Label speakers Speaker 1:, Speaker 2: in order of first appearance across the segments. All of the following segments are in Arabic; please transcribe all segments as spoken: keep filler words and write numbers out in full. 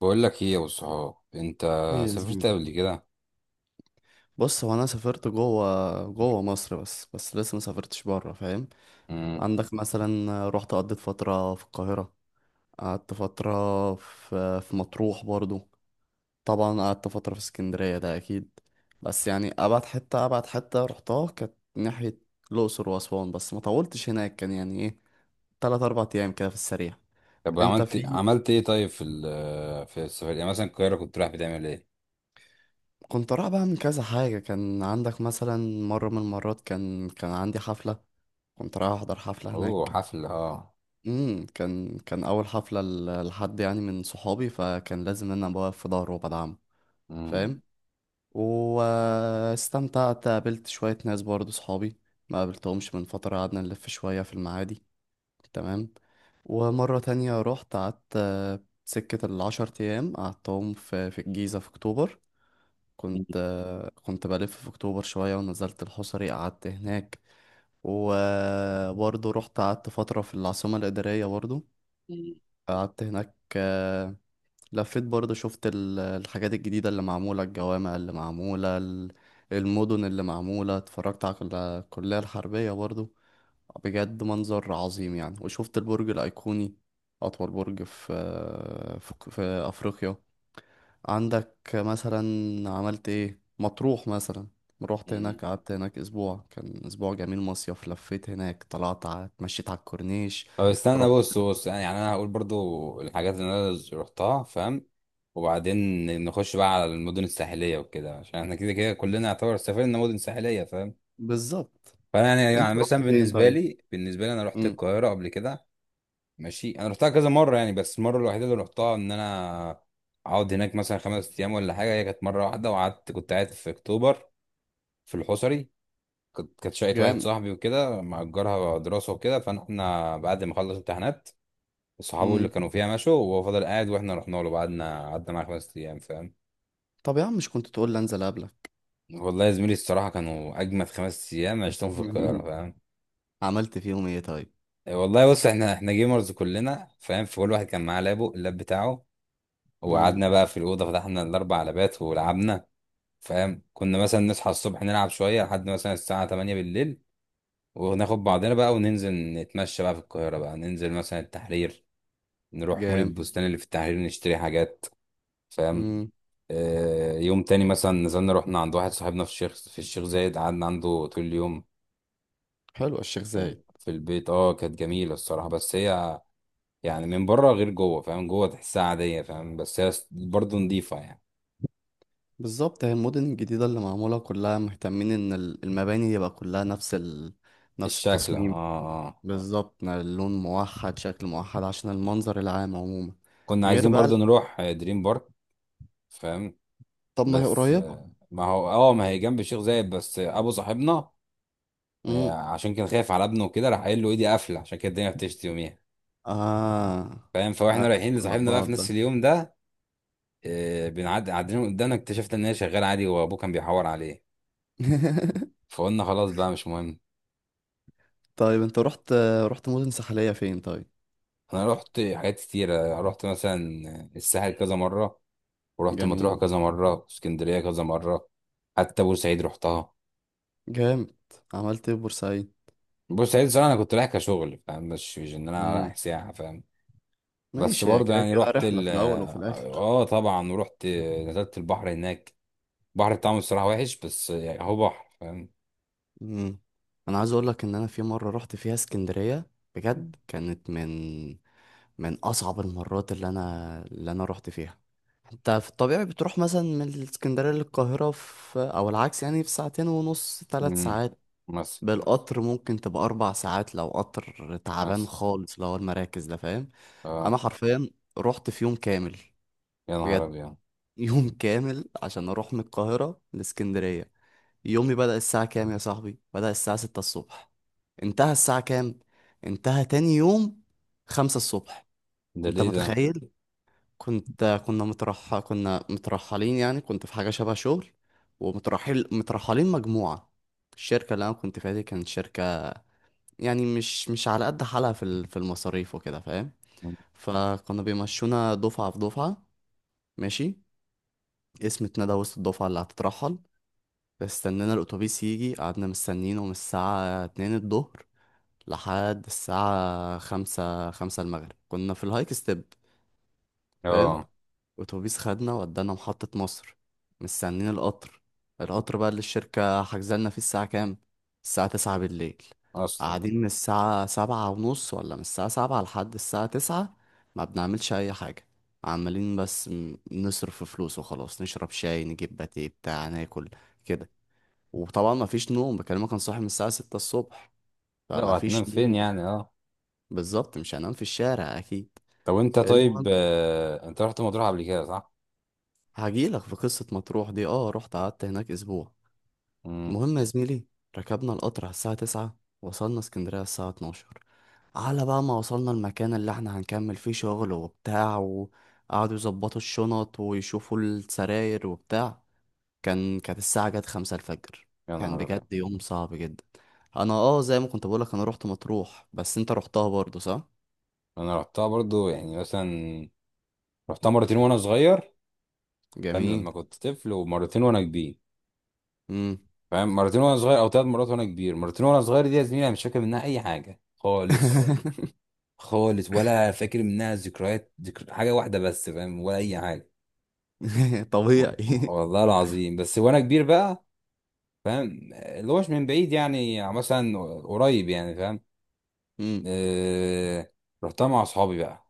Speaker 1: بقول لك ايه يا ابو الصحاب؟ انت
Speaker 2: ايه يا
Speaker 1: سافرت
Speaker 2: زميلي.
Speaker 1: قبل كده؟
Speaker 2: بص، هو انا سافرت جوه، جوه مصر، بس بس لسه ما سافرتش بره، فاهم؟
Speaker 1: امم.
Speaker 2: عندك مثلا رحت قضيت فتره في القاهره. قعدت فتره في في مطروح برضو. طبعا قعدت فتره في اسكندريه ده اكيد. بس يعني ابعد حته ابعد حته رحتها كانت ناحيه الاقصر واسوان، بس ما طولتش هناك، كان يعني ايه، تلات اربع ايام كده في السريع.
Speaker 1: طب
Speaker 2: انت
Speaker 1: عملت
Speaker 2: في
Speaker 1: عملت ايه؟ طيب في ال- في السفر، يعني مثلا القاهره، كنت رايح بتعمل ايه؟
Speaker 2: كنت رايح بقى من كذا حاجه، كان عندك مثلا مره من المرات كان كان عندي حفله، كنت رايح احضر حفله
Speaker 1: اوه،
Speaker 2: هناك.
Speaker 1: حفل، اه.
Speaker 2: امم كان كان اول حفله ل- لحد يعني من صحابي، فكان لازم ان انا بوقف في ظهره وبدعمه، فاهم.
Speaker 1: امم.
Speaker 2: واستمتعت، قابلت شويه ناس برضه صحابي ما قابلتهمش من فتره، قعدنا نلف شويه في المعادي، تمام. ومره تانية رحت قعدت، آه، سكه العشر ايام قعدتهم في في الجيزه في اكتوبر. كنت آه، كنت بلف في اكتوبر شويه ونزلت الحصري قعدت هناك. وبرضه رحت قعدت فترة في العاصمة الإدارية برضه، قعدت هناك. آه، لفيت برضه، شفت ال- الحاجات الجديدة اللي معمولة، الجوامع اللي معمولة ال- المدن اللي معمولة، اتفرجت على كل- الكلية الحربية برضه. بجد منظر عظيم يعني. وشفت البرج الأيقوني، أطول برج في آه، في في أفريقيا. عندك مثلا، عملت ايه مطروح مثلا؟ روحت هناك قعدت هناك اسبوع، كان اسبوع جميل مصيف، لفيت هناك طلعت ع- اتمشيت على الكورنيش.
Speaker 1: طب استنى،
Speaker 2: رحت.
Speaker 1: بص بص. يعني يعني انا هقول برضو الحاجات اللي انا رحتها، فاهم؟ وبعدين نخش بقى على المدن الساحليه وكده، عشان احنا كده كده كلنا يعتبر سافرنا مدن ساحليه، فاهم؟
Speaker 2: بالظبط.
Speaker 1: فانا يعني يعني
Speaker 2: انت رحت
Speaker 1: مثلا،
Speaker 2: فين
Speaker 1: بالنسبه
Speaker 2: طيب؟
Speaker 1: لي بالنسبه لي انا رحت
Speaker 2: امم.
Speaker 1: القاهره قبل كده. ماشي، انا رحتها كذا مره يعني، بس المره الوحيده اللي رحتها ان انا اقعد هناك مثلا خمس ايام ولا حاجه، هي كانت مره واحده، وقعدت، كنت قاعد في اكتوبر، في الحصري. كنت كانت شقه واحد
Speaker 2: جامد.
Speaker 1: صاحبي وكده، مأجرها دراسه وكده، فاحنا بعد ما خلص امتحانات صحابه اللي
Speaker 2: امم.
Speaker 1: كانوا فيها مشوا، وهو فضل قاعد، واحنا رحنا له، قعدنا قعدنا معاه خمس ايام، فاهم؟
Speaker 2: طب يا عم، مش كنت تقول لي انزل قبلك؟
Speaker 1: والله يا زميلي الصراحه كانوا اجمد خمس ايام عشتهم في القاهره، فاهم؟
Speaker 2: عملت فيهم ايه طيب؟
Speaker 1: والله بص، احنا احنا جيمرز كلنا، فاهم؟ فكل واحد كان معاه لابه اللاب بتاعه.
Speaker 2: امم.
Speaker 1: وقعدنا بقى في الأوضة، فتحنا الأربع لبات ولعبنا. فاهم؟ كنا مثلا نصحى الصبح، نلعب شوية لحد مثلا الساعة تمانية بالليل، وناخد بعضنا بقى وننزل نتمشى بقى في القاهرة بقى، ننزل مثلا التحرير، نروح مول
Speaker 2: جامد.
Speaker 1: البستان اللي في التحرير، نشتري حاجات، فاهم؟
Speaker 2: امم.
Speaker 1: آه، يوم تاني مثلا نزلنا، رحنا عند واحد صاحبنا في الشيخ في الشيخ زايد، قعدنا عنده طول اليوم،
Speaker 2: حلو الشيخ
Speaker 1: في
Speaker 2: زايد.
Speaker 1: ال- في البيت. اه كانت جميلة الصراحة، بس هي يعني من بره غير جوه، فاهم؟ جوه تحسها عادية، فاهم؟ بس هي برضه نضيفة يعني،
Speaker 2: بالظبط، هي المدن الجديدة اللي معمولة كلها مهتمين ان ال- المباني يبقى كلها نفس ال... نفس
Speaker 1: الشكل. اه،
Speaker 2: التصميم.
Speaker 1: اه، آه.
Speaker 2: بالظبط، نا- اللون موحد، شكل موحد، عشان المنظر العام عموما.
Speaker 1: كنا
Speaker 2: غير
Speaker 1: عايزين
Speaker 2: بقى
Speaker 1: برضه
Speaker 2: ال-
Speaker 1: نروح آه، دريم بارك، فاهم؟
Speaker 2: طب ما هي
Speaker 1: بس
Speaker 2: قريبة.
Speaker 1: آه، ما هو، اه ما هي جنب الشيخ زايد، بس آه، ابو صاحبنا آه،
Speaker 2: امم.
Speaker 1: عشان كان خايف على ابنه وكده، راح قايل له ايدي قافله، عشان كده الدنيا بتشتي يوميها،
Speaker 2: اه.
Speaker 1: فاهم؟
Speaker 2: اه.
Speaker 1: فاحنا رايحين لصاحبنا بقى
Speaker 2: العباد
Speaker 1: في نفس
Speaker 2: ده.
Speaker 1: اليوم ده، آه، بنعدي قاعدين قدامنا، اكتشفت ان هي شغاله عادي، وابوه كان بيحور عليه. فقلنا خلاص بقى، مش مهم.
Speaker 2: طيب انت رحت، رحت مدن ساحلية فين طيب؟
Speaker 1: انا رحت حاجات كتيره، رحت مثلا الساحل كذا مره، ورحت مطروح
Speaker 2: جميل.
Speaker 1: كذا مره، اسكندريه كذا مره، حتى بورسعيد رحتها.
Speaker 2: جامد. عملت ايه في بورسعيد؟
Speaker 1: بص، عيد الصراحة أنا كنت رايح كشغل، فاهم؟ مش مش إن أنا
Speaker 2: امم.
Speaker 1: رايح سياحة، فاهم؟ بس
Speaker 2: ماشي، هي
Speaker 1: برضه
Speaker 2: كده
Speaker 1: يعني
Speaker 2: كده
Speaker 1: رحت
Speaker 2: رحلة
Speaker 1: ال
Speaker 2: في الأول وفي
Speaker 1: آه
Speaker 2: الآخر.
Speaker 1: آه، طبعا، ورحت نزلت البحر هناك. البحر بتاعهم الصراحة وحش، بس يعني هو بحر، فاهم؟
Speaker 2: امم. أنا عايز أقول لك إن أنا في مرة رحت فيها اسكندرية بجد كانت من من أصعب المرات اللي أنا اللي أنا رحت فيها. أنت في الطبيعي بتروح مثلا من الاسكندرية للقاهرة في أو العكس يعني في ساعتين ونص، ثلاث
Speaker 1: امم.
Speaker 2: ساعات
Speaker 1: مصر.
Speaker 2: بالقطر ممكن تبقى أربع ساعات لو قطر تعبان
Speaker 1: مصر.
Speaker 2: خالص، لو هو المراكز ده فاهم. أنا
Speaker 1: آه.
Speaker 2: حرفيا رحت في يوم كامل،
Speaker 1: يا نهار
Speaker 2: بجد
Speaker 1: أبيض!
Speaker 2: يوم كامل عشان اروح من القاهرة لاسكندرية. يومي بدأ الساعة كام يا صاحبي؟ بدأ الساعة ستة الصبح. انتهى الساعة كام؟ انتهى تاني يوم خمسة الصبح.
Speaker 1: ده
Speaker 2: انت
Speaker 1: ليه ده؟
Speaker 2: متخيل؟ كنت كنا مترح كنا مترحلين يعني، كنت في حاجة شبه شغل. ومترحل مترحلين مجموعة، الشركة اللي انا كنت فيها دي كانت شركة يعني مش مش على قد حالها في ال- في المصاريف وكده فاهم.
Speaker 1: مم.
Speaker 2: فكنا بيمشونا دفعة في دفعة. ماشي. اسم اتندى وسط الدفعة اللي هتترحل، استنينا الأتوبيس يجي، قعدنا مستنينه من الساعة اتنين الظهر لحد الساعة خمسة خمسة المغرب، كنا في الهايك ستيب فاهم.
Speaker 1: آه،
Speaker 2: أتوبيس خدنا ودانا محطة مصر، مستنين القطر. القطر بقى اللي الشركة حجزلنا فيه الساعة كام؟ الساعة تسعة بالليل.
Speaker 1: أصلا.
Speaker 2: قاعدين من الساعة سبعة ونص ولا من الساعة سبعة لحد الساعة تسعة، ما بنعملش أي حاجة، عمالين بس م- نصرف فلوس وخلاص، نشرب شاي، نجيب باتيه بتاع ناكل كده. وطبعا ما فيش نوم، بكلمك انا صاحي من الساعة ستة الصبح،
Speaker 1: لا،
Speaker 2: فما
Speaker 1: وهتنام
Speaker 2: فيش
Speaker 1: فين
Speaker 2: نوم.
Speaker 1: يعني؟ آه.
Speaker 2: بالظبط، مش هنام في الشارع اكيد.
Speaker 1: طب أنت،
Speaker 2: المهم،
Speaker 1: طيب، آه أنت رحت مطروح قبل كده صح؟
Speaker 2: هجيلك في قصة مطروح دي، اه رحت قعدت هناك اسبوع.
Speaker 1: امم.
Speaker 2: المهم يا زميلي، ركبنا القطر على الساعة تسعة، وصلنا اسكندرية على الساعة اتناشر. على بقى ما وصلنا المكان اللي احنا هنكمل فيه شغل وبتاع، وقعدوا يظبطوا الشنط ويشوفوا السراير وبتاع، كان كانت الساعة جت خمسة الفجر.
Speaker 1: يا
Speaker 2: كان
Speaker 1: نهار
Speaker 2: بجد
Speaker 1: أبيض.
Speaker 2: يوم صعب جدا. انا اه زي ما كنت بقولك، انا روحت مطروح، بس انت روحتها برضو صح؟
Speaker 1: أنا رحتها برضه يعني، مثلا رحتها مرتين وأنا صغير، فاهم؟
Speaker 2: جميل.
Speaker 1: لما كنت طفل، ومرتين وانا كبير،
Speaker 2: امم.
Speaker 1: فاهم؟ مرتين وانا صغير او ثلاث مرات وانا كبير. مرتين وانا صغير دي، يا زميلي، انا مش فاكر منها اي حاجه خالص، خالص، ولا فاكر منها ذكريات ذكر حاجه واحده بس، فاهم؟ ولا اي حاجه.
Speaker 2: اه
Speaker 1: و-
Speaker 2: طبيعي.
Speaker 1: والله العظيم. بس وانا كبير بقى، فاهم؟ اللي هوش من بعيد يعني، مثلا قريب يعني، فاهم؟
Speaker 2: امم.
Speaker 1: آه... رحتها مع اصحابي بقى،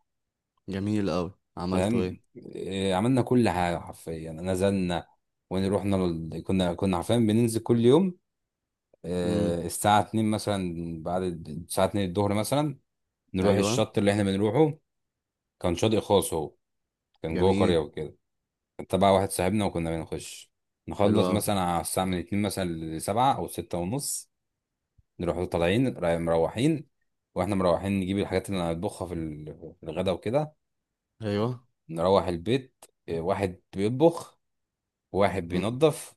Speaker 2: جميل قوي. عملتوا ايه؟
Speaker 1: فاهم؟ آه... عملنا كل حاجه حرفيا، نزلنا. ونروحنا لل... كنا كنا حرفيا بننزل كل يوم
Speaker 2: امم.
Speaker 1: آه، الساعة اتنين مثلا، بعد ال- الساعة اتنين الظهر مثلا، نروح
Speaker 2: ايوه.
Speaker 1: الشط اللي احنا بنروحه. كان شاطئ خاص هو، كان جوه قرية
Speaker 2: جميل.
Speaker 1: وكده، كان تبع واحد صاحبنا، وكنا بنخش
Speaker 2: حلو
Speaker 1: نخلص
Speaker 2: قوي.
Speaker 1: مثلا على الساعة من اتنين مثلا لسبعة أو ستة ونص، نروح طالعين، رايح- مروحين. واحنا مروحين نجيب الحاجات اللي هنطبخها في ال- في الغدا وكده،
Speaker 2: ايوه.
Speaker 1: نروح البيت. آه، واحد بيطبخ، وواحد
Speaker 2: امم.
Speaker 1: بينظف،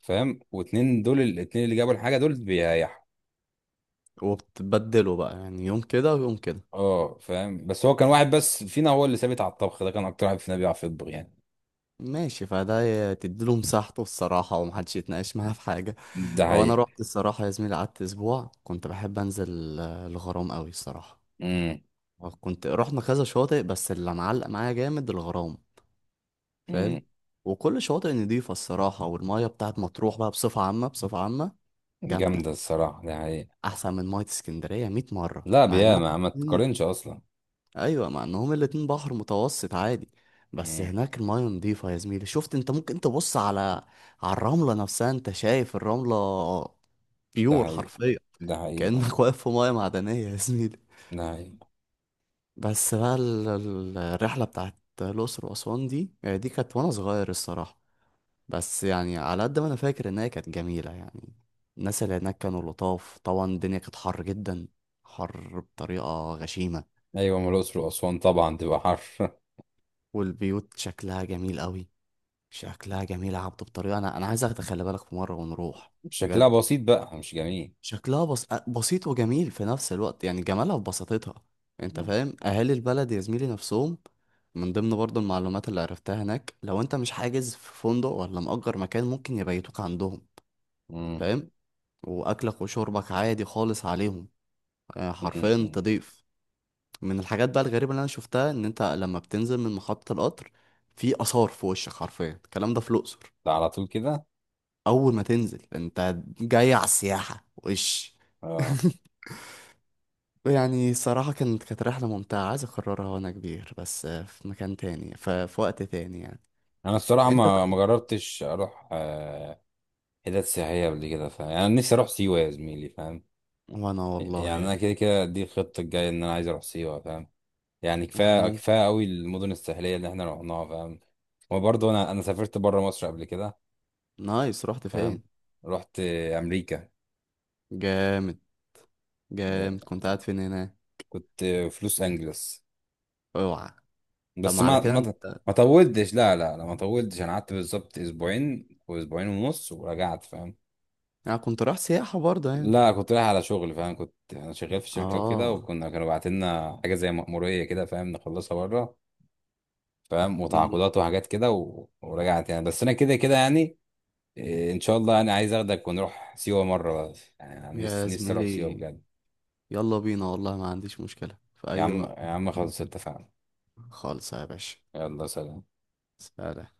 Speaker 1: فاهم؟ واتنين دول، الاتنين اللي جابوا الحاجة دول، بيريحوا.
Speaker 2: وبتبدلوا بقى يعني يوم كده ويوم كده.
Speaker 1: اه، فاهم، بس هو كان واحد بس فينا هو اللي ثابت على الطبخ ده، كان اكتر واحد فينا بيعرف يطبخ يعني.
Speaker 2: ماشي، فده ي- تديله مساحته الصراحة، ومحدش يتناقش معاه في حاجة.
Speaker 1: ده
Speaker 2: هو انا
Speaker 1: حقيقي.
Speaker 2: رحت الصراحة يا زميلي، قعدت اسبوع، كنت بحب انزل، آه، الغرام قوي الصراحة.
Speaker 1: امم.
Speaker 2: آه، كنت رحنا كذا شاطئ، بس اللي معلق معايا جامد الغرام،
Speaker 1: امم.
Speaker 2: فاهم. وكل شاطئ نضيفة الصراحة، والمية بتاعت مطروح بقى بصفة عامة بصفة عامة جامدة
Speaker 1: جامده الصراحه، ده حقيقي.
Speaker 2: أحسن من مية اسكندرية مية مرة
Speaker 1: لا،
Speaker 2: مع إنهم
Speaker 1: بياما، ما
Speaker 2: الاتنين.
Speaker 1: تقارنش اصلا.
Speaker 2: أيوة مع إنهم الاتنين بحر متوسط عادي، بس
Speaker 1: امم.
Speaker 2: هناك المية نضيفة يا زميلي شفت أنت؟ ممكن تبص على، على الرملة نفسها، أنت شايف الرملة؟
Speaker 1: ده
Speaker 2: بيور
Speaker 1: حقيقي.
Speaker 2: حرفيا،
Speaker 1: ده حقيقي.
Speaker 2: كأنك واقف في مية معدنية يا زميلي.
Speaker 1: ده حقيقي.
Speaker 2: بس بقى ال- ال- الرحلة بتاعت الأقصر وأسوان دي، آه، دي كانت وأنا صغير الصراحة، بس يعني على قد ما أنا فاكر إن هي كانت جميلة يعني. الناس اللي هناك كانوا لطاف، طبعا الدنيا كانت حر جدا، حر بطريقة غشيمة.
Speaker 1: ايوه، ما الاقصر واسوان طبعا تبقى حر.
Speaker 2: والبيوت شكلها جميل قوي، شكلها جميل يا عبدو بطريقة. أنا أنا عايز أخدك، خلي بالك في مرة ونروح
Speaker 1: شكلها
Speaker 2: بجد.
Speaker 1: بسيط بقى، مش جميل.
Speaker 2: شكلها بس... بسيط وجميل في نفس الوقت يعني، جمالها في بساطتها. انت
Speaker 1: امم.
Speaker 2: فاهم اهالي البلد يا زميلي نفسهم. من ضمن برضه المعلومات اللي عرفتها هناك، لو انت مش حاجز في فندق ولا مأجر مكان، ممكن يبيتوك عندهم
Speaker 1: امم.
Speaker 2: فاهم، واكلك وشربك عادي خالص عليهم. آه،
Speaker 1: أمم،
Speaker 2: حرفيا
Speaker 1: أمم.
Speaker 2: تضيف. من الحاجات بقى الغريبة اللي انا شفتها، ان انت لما بتنزل من محطة القطر، في آثار في وشك حرفيا، الكلام ده في الأقصر،
Speaker 1: ده على طول كده.
Speaker 2: اول ما تنزل انت جاي على السياحة وش.
Speaker 1: اه.
Speaker 2: يعني صراحة كانت كانت رحلة ممتعة، عايز أكررها وأنا كبير، بس آه، في مكان تاني ف- في وقت تاني يعني.
Speaker 1: انا الصراحه
Speaker 2: أنت.
Speaker 1: ما ما جربتش اروح آه، حتت سياحيه قبل كده، فاهم؟ يعني أنا نفسي اروح سيوه، يا زميلي، فاهم؟
Speaker 2: وأنا والله
Speaker 1: يعني انا
Speaker 2: يعني.
Speaker 1: كده كده دي الخطه الجايه، ان انا عايز اروح سيوه، فاهم؟ يعني
Speaker 2: إحنا
Speaker 1: كفايه
Speaker 2: مم-
Speaker 1: كفايه قوي المدن الساحليه اللي احنا رحناها، فاهم؟ وبرضه انا انا سافرت بره مصر قبل كده،
Speaker 2: نايس، رحت
Speaker 1: فاهم؟
Speaker 2: فين؟
Speaker 1: رحت امريكا.
Speaker 2: جامد. جامد، كنت قاعد فين هنا؟
Speaker 1: كنت في لوس انجلس.
Speaker 2: أوعى. طب
Speaker 1: بس
Speaker 2: ما على
Speaker 1: ما
Speaker 2: كده
Speaker 1: ما
Speaker 2: أنت.
Speaker 1: ما طولتش. لا، لا، لا، ما طولتش، انا قعدت بالظبط اسبوعين، واسبوعين ونص، ورجعت، فاهم؟
Speaker 2: أنا كنت رايح سياحة برضه يعني.
Speaker 1: لا، كنت رايح على شغل، فاهم؟ كنت انا شغال في شركه وكده،
Speaker 2: آه.
Speaker 1: وكنا كانوا باعتين لنا حاجه زي مأموريه كده، فاهم، نخلصها بره، فاهم؟
Speaker 2: مم.
Speaker 1: وتعاقدات وحاجات كده و... ورجعت يعني، بس انا كده كده يعني، إيه، ان شاء الله انا عايز اخدك ونروح سيوه مره. يعني أنا
Speaker 2: يا
Speaker 1: نفسي نفسي اروح سيوه
Speaker 2: زميلي،
Speaker 1: بجد.
Speaker 2: يلا بينا والله ما عنديش مشكلة في
Speaker 1: يا
Speaker 2: أي
Speaker 1: عم،
Speaker 2: وقت.
Speaker 1: يا عم، خلاص اتفقنا.
Speaker 2: خالص يا باشا.
Speaker 1: يلا، سلام.
Speaker 2: سلام.